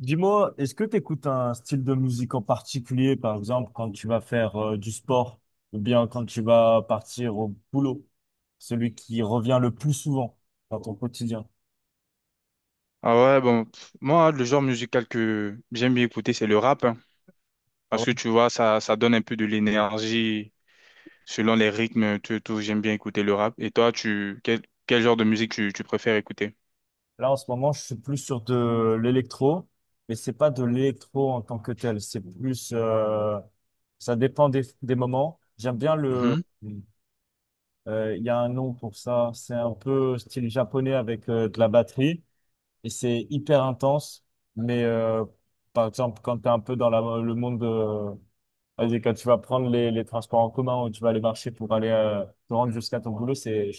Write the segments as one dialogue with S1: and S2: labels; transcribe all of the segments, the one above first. S1: Dis-moi, est-ce que tu écoutes un style de musique en particulier, par exemple, quand tu vas faire du sport ou bien quand tu vas partir au boulot? Celui qui revient le plus souvent dans ton quotidien.
S2: Ah ouais, bon, pff, moi, le genre musical que j'aime bien écouter, c'est le rap, hein.
S1: Ah
S2: Parce
S1: ouais?
S2: que tu vois, ça donne un peu de l'énergie selon les rythmes, tout, tout, j'aime bien écouter le rap. Et toi, tu, quel, quel genre de musique tu, tu préfères écouter?
S1: Là, en ce moment, je suis plus sur de l'électro, mais c'est pas de l'électro en tant que tel. C'est plus, ça dépend des moments. J'aime bien le,
S2: Mhm.
S1: euh, Il y a un nom pour ça. C'est un peu style japonais avec de la batterie, et c'est hyper intense. Mais euh, Par exemple, quand tu es un peu dans le monde de... Vas-y, quand tu vas prendre les transports en commun, ou tu vas aller marcher pour aller te rendre jusqu'à ton boulot, c'est,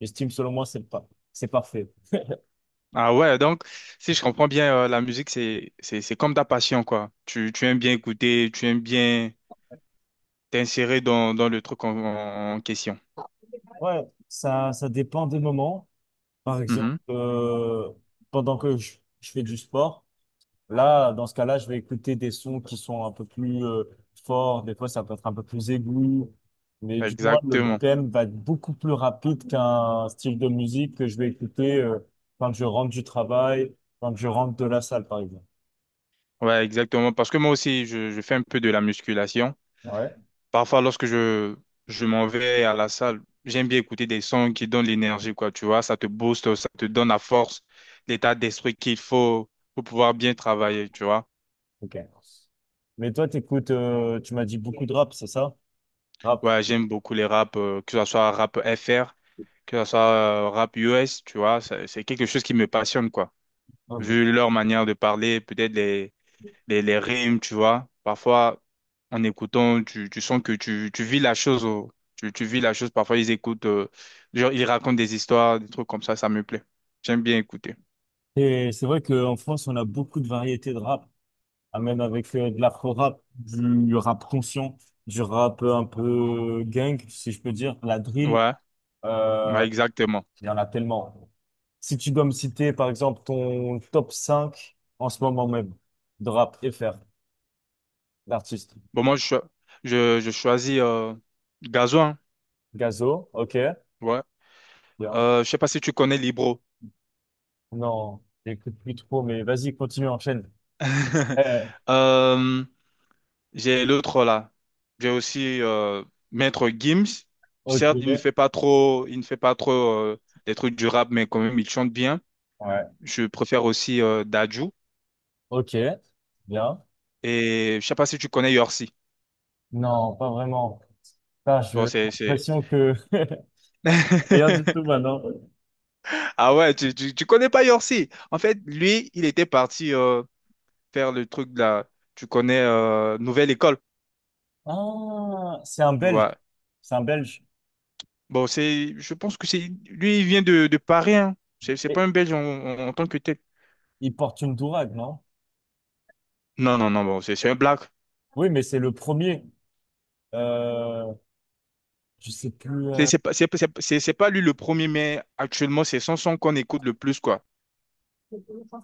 S1: j'estime selon moi, c'est pas, c'est parfait.
S2: Ah ouais, donc, si je comprends bien, la musique, c'est comme ta passion, quoi. Tu aimes bien écouter, tu aimes bien t'insérer dans, dans le truc en, en question.
S1: Ouais, ça dépend des moments. Par exemple,
S2: Mhm.
S1: pendant que je fais du sport, là, dans ce cas-là, je vais écouter des sons qui sont un peu plus forts. Des fois, ça peut être un peu plus aigu. Mais du moins, le
S2: Exactement.
S1: BPM va être beaucoup plus rapide qu'un style de musique que je vais écouter quand je rentre du travail, quand je rentre de la salle, par exemple.
S2: Ouais, exactement. Parce que moi aussi, je fais un peu de la musculation.
S1: Ouais.
S2: Parfois, lorsque je m'en vais à la salle, j'aime bien écouter des sons qui donnent l'énergie, quoi, tu vois, ça te booste, ça te donne la force, l'état d'esprit qu'il faut pour pouvoir bien travailler, tu vois.
S1: Ok. Mais toi, tu m'as dit beaucoup de rap, c'est ça? Rap.
S2: Ouais, j'aime beaucoup les raps, que ce soit rap FR, que ce soit rap US, tu vois, ça- c'est quelque chose qui me passionne, quoi.
S1: Ok.
S2: Vu leur manière de parler, peut-être les rimes, tu vois. Parfois, en écoutant, tu sens que tu vis la chose. Oh. Tu vis la chose. Parfois, ils écoutent, genre, ils racontent des histoires, des trucs comme ça me plaît. J'aime bien écouter.
S1: Et c'est vrai qu'en France, on a beaucoup de variétés de rap. Ah, même avec de l'afro-rap, du rap conscient, du rap un peu gang, si je peux dire, la drill,
S2: Ouais,
S1: euh,
S2: ouais, exactement.
S1: il y en a tellement. Si tu dois me citer, par exemple, ton top 5 en ce moment même de rap FR, l'artiste.
S2: Bon, moi, je choisis Gazo, hein.
S1: Gazo, ok,
S2: Ouais.
S1: bien.
S2: Je sais pas si tu connais Libro.
S1: Non, j'écoute plus trop, mais vas-y, continue, enchaîne. Eh,
S2: Euh, j'ai l'autre là. J'ai aussi Maître Gims.
S1: ok,
S2: Certes, il ne fait pas trop, il ne fait pas trop des trucs du rap, mais quand même, il chante bien.
S1: ouais,
S2: Je préfère aussi Dadju.
S1: ok, bien.
S2: Et je sais pas si tu connais Yorsi.
S1: Non, pas vraiment. Putain,
S2: Bon,
S1: j'ai l'impression que rien du tout maintenant.
S2: Ah ouais, tu connais pas Yorsi. En fait, lui, il était parti faire le truc de la... Tu connais Nouvelle École.
S1: Ah, c'est un Belge.
S2: Voilà.
S1: C'est un Belge.
S2: Bon, c'est... Je pense que c'est... Lui, il vient de Paris, hein. C'est
S1: Et
S2: pas un Belge en, en- en tant que tel.
S1: il porte une dourague, non?
S2: Non, non, non, bon, c'est un black.
S1: Oui, mais c'est le premier. Euh, je sais plus.
S2: C'est c'est pas, c'est pas lui le premier, mais actuellement, c'est son son qu'on écoute le plus, quoi.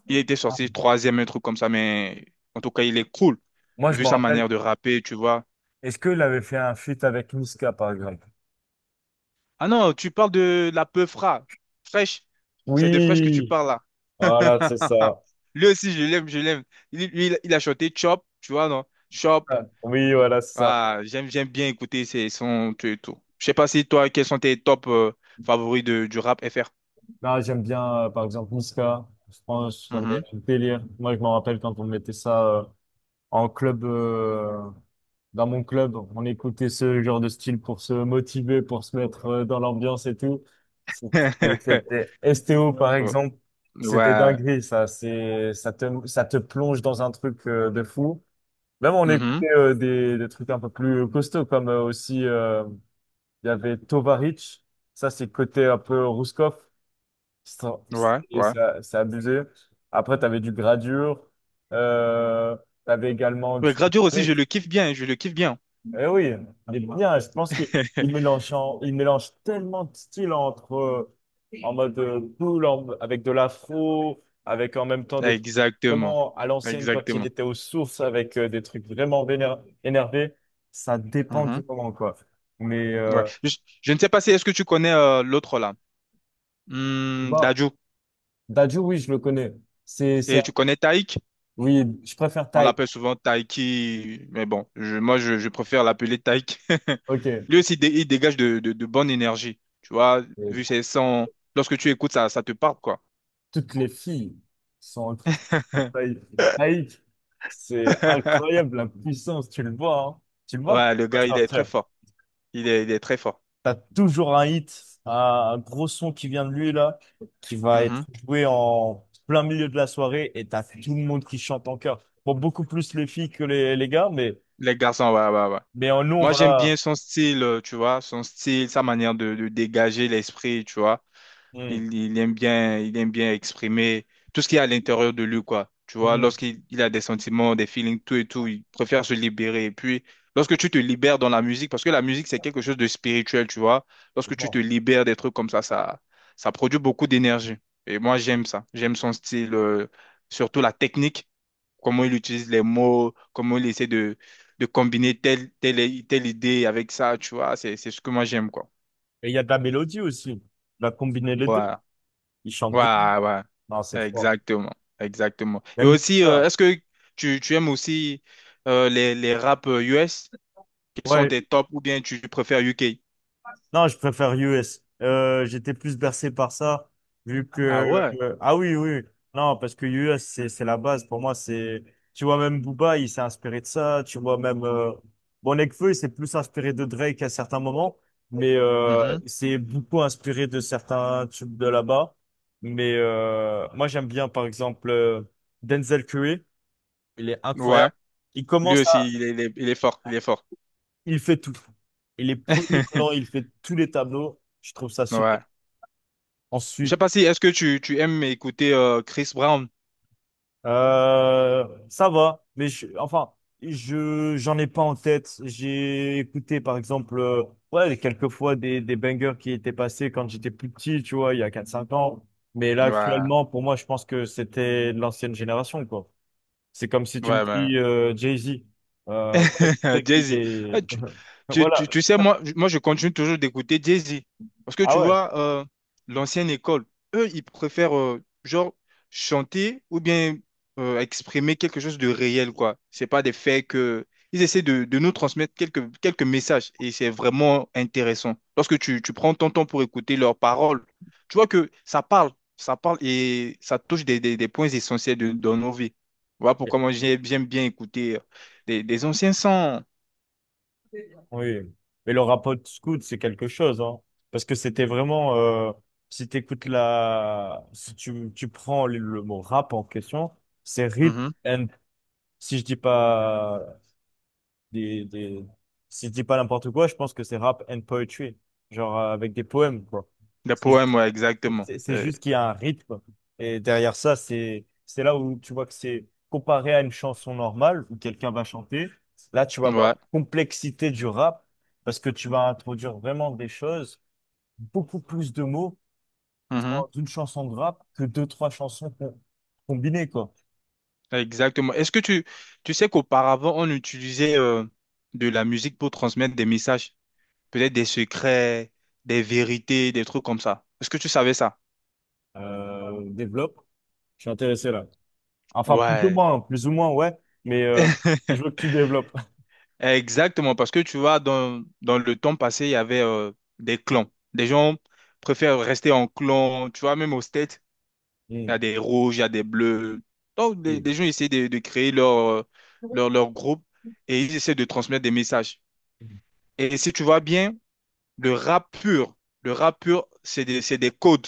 S2: Il était sorti troisième, un truc comme ça, mais en tout cas, il est cool,
S1: Moi, je
S2: vu
S1: me
S2: sa
S1: rappelle.
S2: manière de rapper, tu vois.
S1: Est-ce qu'il avait fait un feat avec Niska, par exemple?
S2: Ah non, tu parles de la Peufra, fraîche. C'est de fraîche que tu
S1: Oui,
S2: parles
S1: voilà, c'est
S2: là.
S1: ça.
S2: Lui aussi, je l'aime, je l'aime. Il, lui, il a chanté Chop, tu vois, non? Chop.
S1: Ah, oui, voilà, c'est ça.
S2: Ah, j'aime, j'aime bien écouter ses sons, tout et tout. Je sais pas si toi, quels sont tes top favoris de, du rap FR?
S1: Non, j'aime bien, par exemple, Niska. Je pense que ça me fait
S2: Mhm.
S1: un délire. Moi, je me rappelle quand on mettait ça en club, dans mon club, on écoutait ce genre de style pour se motiver, pour se mettre dans l'ambiance et tout. C'était c'était- STO, par
S2: Oh.
S1: exemple, c'était
S2: Ouais.
S1: dinguerie, ça. Ça te plonge dans un truc de fou. Même on
S2: Mhm.
S1: écoutait des trucs un peu plus costauds, comme euh, il y avait Tovarich. Ça, c'est côté un peu Rouskov. C'est
S2: Ouais, ouais.
S1: c'est abusé. Après, tu avais du Gradure. Euh, tu avais également du...
S2: Ouais, Gradure aussi, je le kiffe bien, je le kiffe bien.
S1: Eh oui, il est bien. Je pense qu'il il mélange, il mélange tellement de styles entre en mode cool, avec de l'afro, avec en même temps des trucs
S2: Exactement.
S1: vraiment à l'ancienne quand il
S2: Exactement.
S1: était aux sources, avec des trucs vraiment énervés. Ça dépend
S2: Mhm.
S1: du moment, quoi. Mais
S2: Ouais.
S1: euh,
S2: Je ne sais pas si est-ce que tu connais l'autre là,
S1: bah,
S2: Dadju.
S1: Dadju, oui, je le connais. C'est, c'est,
S2: Et tu connais Taïk?
S1: oui, je préfère
S2: On
S1: Taïk.
S2: l'appelle souvent Taiki, mais bon, moi je préfère l'appeler Taïk.
S1: Ok.
S2: Lui aussi, il dégage de bonne énergie. Tu vois, vu ses sons, lorsque tu écoutes ça, ça te parle quoi.
S1: Toutes les filles sont en taille laïque. C'est incroyable la puissance, tu le vois, hein. Tu le vois quand
S2: Ouais, le
S1: il
S2: gars,
S1: va
S2: il est très
S1: sortir.
S2: fort. Il est très fort.
S1: T'as toujours un hit, un gros son qui vient de lui là, qui va être
S2: Mhm.
S1: joué en plein milieu de la soirée, et t'as tout le monde qui chante en chœur. Bon, beaucoup plus les filles que les gars,
S2: Les garçons, ouais, ouais, ouais.
S1: mais nous on
S2: Moi, j'aime bien
S1: va.
S2: son style, tu vois, son style, sa manière de dégager l'esprit, tu vois.
S1: Hmm,
S2: Il aime bien exprimer tout ce qu'il y a à l'intérieur de lui, quoi. Tu vois,
S1: hmm,
S2: lorsqu'il a des sentiments, des feelings, tout et tout, il préfère se libérer. Et puis, lorsque tu te libères dans la musique, parce que la musique, c'est quelque chose de spirituel, tu vois. Lorsque tu te
S1: bon.
S2: libères des trucs comme ça produit beaucoup d'énergie. Et moi, j'aime ça. J'aime son style, surtout la technique, comment il utilise les mots, comment il essaie de combiner telle, telle, telle idée avec ça, tu vois. C'est ce que moi, j'aime, quoi.
S1: Et il y a de la mélodie aussi. On va combiner les deux.
S2: Ouais.
S1: Ils chantent bien.
S2: Ouais, ouais,
S1: Non, c'est fort.
S2: exactement, exactement. Et
S1: Même le
S2: aussi,
S1: chœur.
S2: est-ce que tu aimes aussi les rap US qui sont
S1: Ouais,
S2: tes tops ou bien tu préfères UK?
S1: non, je préfère US. J'étais plus bercé par ça, vu. Ah ouais. Que...
S2: Ah ouais.
S1: ah oui, oui. Non, parce que US, c'est la base. Pour moi, c'est... Tu vois, même Booba, il s'est inspiré de ça. Tu vois, même... Bon, Nekfeu, il s'est plus inspiré de Drake à certains moments, mais
S2: Mhm.
S1: il s'est beaucoup inspiré de certains tubes de là-bas. Moi, j'aime bien, par exemple, Denzel Curry. Il est
S2: Ouais,
S1: incroyable. Il
S2: lui
S1: commence
S2: aussi,
S1: à...
S2: il est, il est, il est fort, il est fort.
S1: Il fait tout. Il est polyvalent, il fait tous les tableaux. Je trouve ça super.
S2: Ouais. Je sais
S1: Ensuite,
S2: pas si, est-ce que tu aimes écouter Chris Brown?
S1: ça va, mais j'en ai pas en tête. J'ai écouté, par exemple, ouais, quelques fois des bangers qui étaient passés quand j'étais plus petit, tu vois, il y a quatre cinq ans. Mais là,
S2: Ouais,
S1: actuellement, pour moi, je pense que c'était de l'ancienne génération, quoi. C'est comme si tu me
S2: ouais, ouais.
S1: dis Jay-Z. Ouais, je sais qu'il
S2: Jay-Z. Eh,
S1: est...
S2: Tu, tu, tu,
S1: Voilà.
S2: tu sais, moi, moi, je continue toujours d'écouter Jay-Z. Parce que
S1: Ah
S2: tu
S1: ouais.
S2: vois, l'ancienne école, eux, ils préfèrent, genre, chanter ou bien exprimer quelque chose de réel, quoi. C'est pas des faits que... Ils essaient de nous transmettre quelques, quelques messages et c'est vraiment intéressant. Lorsque tu, tu prends ton temps pour écouter leurs paroles, tu vois que ça parle et ça touche des points essentiels de, dans nos vies. Voilà pourquoi moi, j'aime bien écouter des anciens sons.
S1: Oui, mais le rapport Scout, c'est quelque chose, hein. Parce que c'était vraiment, si t'écoutes la, si tu prends le mot rap en question, c'est rhythm
S2: Mhm.
S1: and, si je dis pas des, des, si je dis pas n'importe quoi, je pense que c'est rap and poetry. Genre, avec des poèmes, quoi.
S2: Des
S1: Si je-
S2: poèmes, ouais, exactement.
S1: c'est
S2: C'est-
S1: juste qu'il y a un rythme. Et derrière ça, c'est là où tu vois que c'est comparé à une chanson normale où quelqu'un va chanter. Là, tu vas voir
S2: Ouais.
S1: la complexité du rap, parce que tu vas introduire vraiment des choses, beaucoup plus de mots
S2: Mhm.
S1: dans une chanson de rap que deux, trois chansons combinées, quoi.
S2: Exactement. Est-ce que tu sais qu'auparavant, on utilisait de la musique pour transmettre des messages, peut-être des secrets, des vérités, des trucs comme ça. Est-ce que tu savais ça?
S1: Développe. Je suis intéressé là. Enfin, plus ou
S2: Ouais.
S1: moins, hein, plus ou moins, ouais. Mais euh, je veux que tu développes.
S2: Exactement, parce que tu vois, dans, dans le temps passé, il y avait des clans. Des gens préfèrent rester en clan, tu vois, même au state. Il y a
S1: Mm.
S2: des rouges, il y a des bleus. Donc,
S1: Oui.
S2: des gens essaient de créer leur, leur, leur groupe et ils essaient de transmettre des messages. Et si tu vois bien, le rap pur, c'est des codes.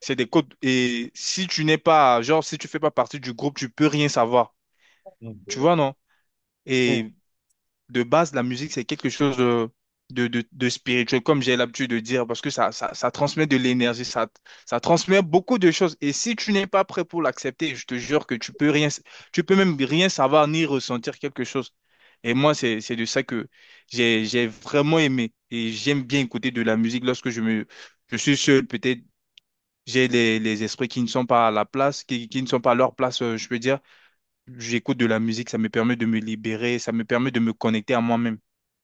S2: C'est des codes. Et si tu n'es pas, genre, si tu fais pas partie du groupe, tu peux rien savoir. Tu
S1: Mm.
S2: vois, non?
S1: Oui.
S2: Et de base, la musique, c'est quelque chose de spirituel, comme j'ai l'habitude de dire, parce que ça transmet de l'énergie, ça transmet beaucoup de choses. Et si tu n'es pas prêt pour l'accepter, je te jure que tu peux rien, tu peux même rien savoir ni ressentir quelque chose. Et moi, c'est de ça que j'ai vraiment aimé. Et j'aime bien écouter de la musique lorsque je me, je suis seul, peut-être. J'ai les esprits qui ne sont pas à la place, qui ne sont pas à leur place, je peux dire. J'écoute de la musique, ça me permet de me libérer, ça me permet de me connecter à moi-même.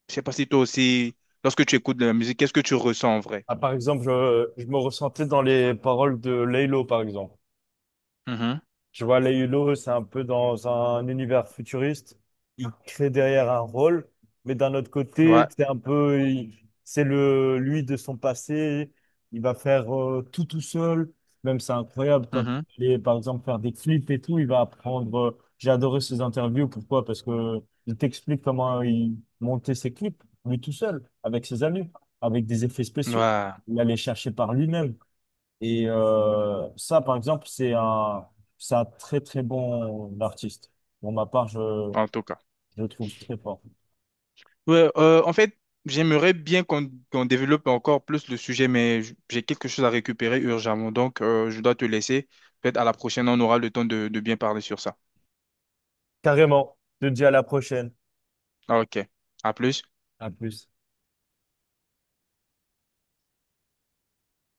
S2: Je sais pas si toi aussi, lorsque tu écoutes de la musique, qu'est-ce que tu ressens en vrai?
S1: Ah, par exemple, je me ressentais dans les paroles de Laylo, par exemple.
S2: Mhm.
S1: Tu vois, les Hulot, c'est un peu dans un univers futuriste. Il crée derrière un rôle, mais d'un autre
S2: Ouais.
S1: côté, c'est un peu, il- c'est le lui de son passé. Il va faire tout tout seul. Même c'est incroyable quand il est, par exemple, faire des clips et tout. Il va apprendre. J'ai adoré ses interviews. Pourquoi? Parce que il t'explique comment il montait ses clips lui tout seul, avec ses amis, avec des effets
S2: Mhm.
S1: spéciaux.
S2: Ouais.
S1: Il allait chercher par lui-même. Et ça, par exemple, c'est un très très bon artiste. Pour ma part,
S2: En tout cas.
S1: je le trouve très fort.
S2: Ouais, en fait, j'aimerais bien qu'on qu'on développe encore plus le sujet, mais j'ai quelque chose à récupérer urgemment, donc je dois te laisser. Peut-être à la prochaine, on aura le temps de bien parler sur ça.
S1: Carrément. Je te dis à la prochaine.
S2: Ok. À plus.
S1: À plus.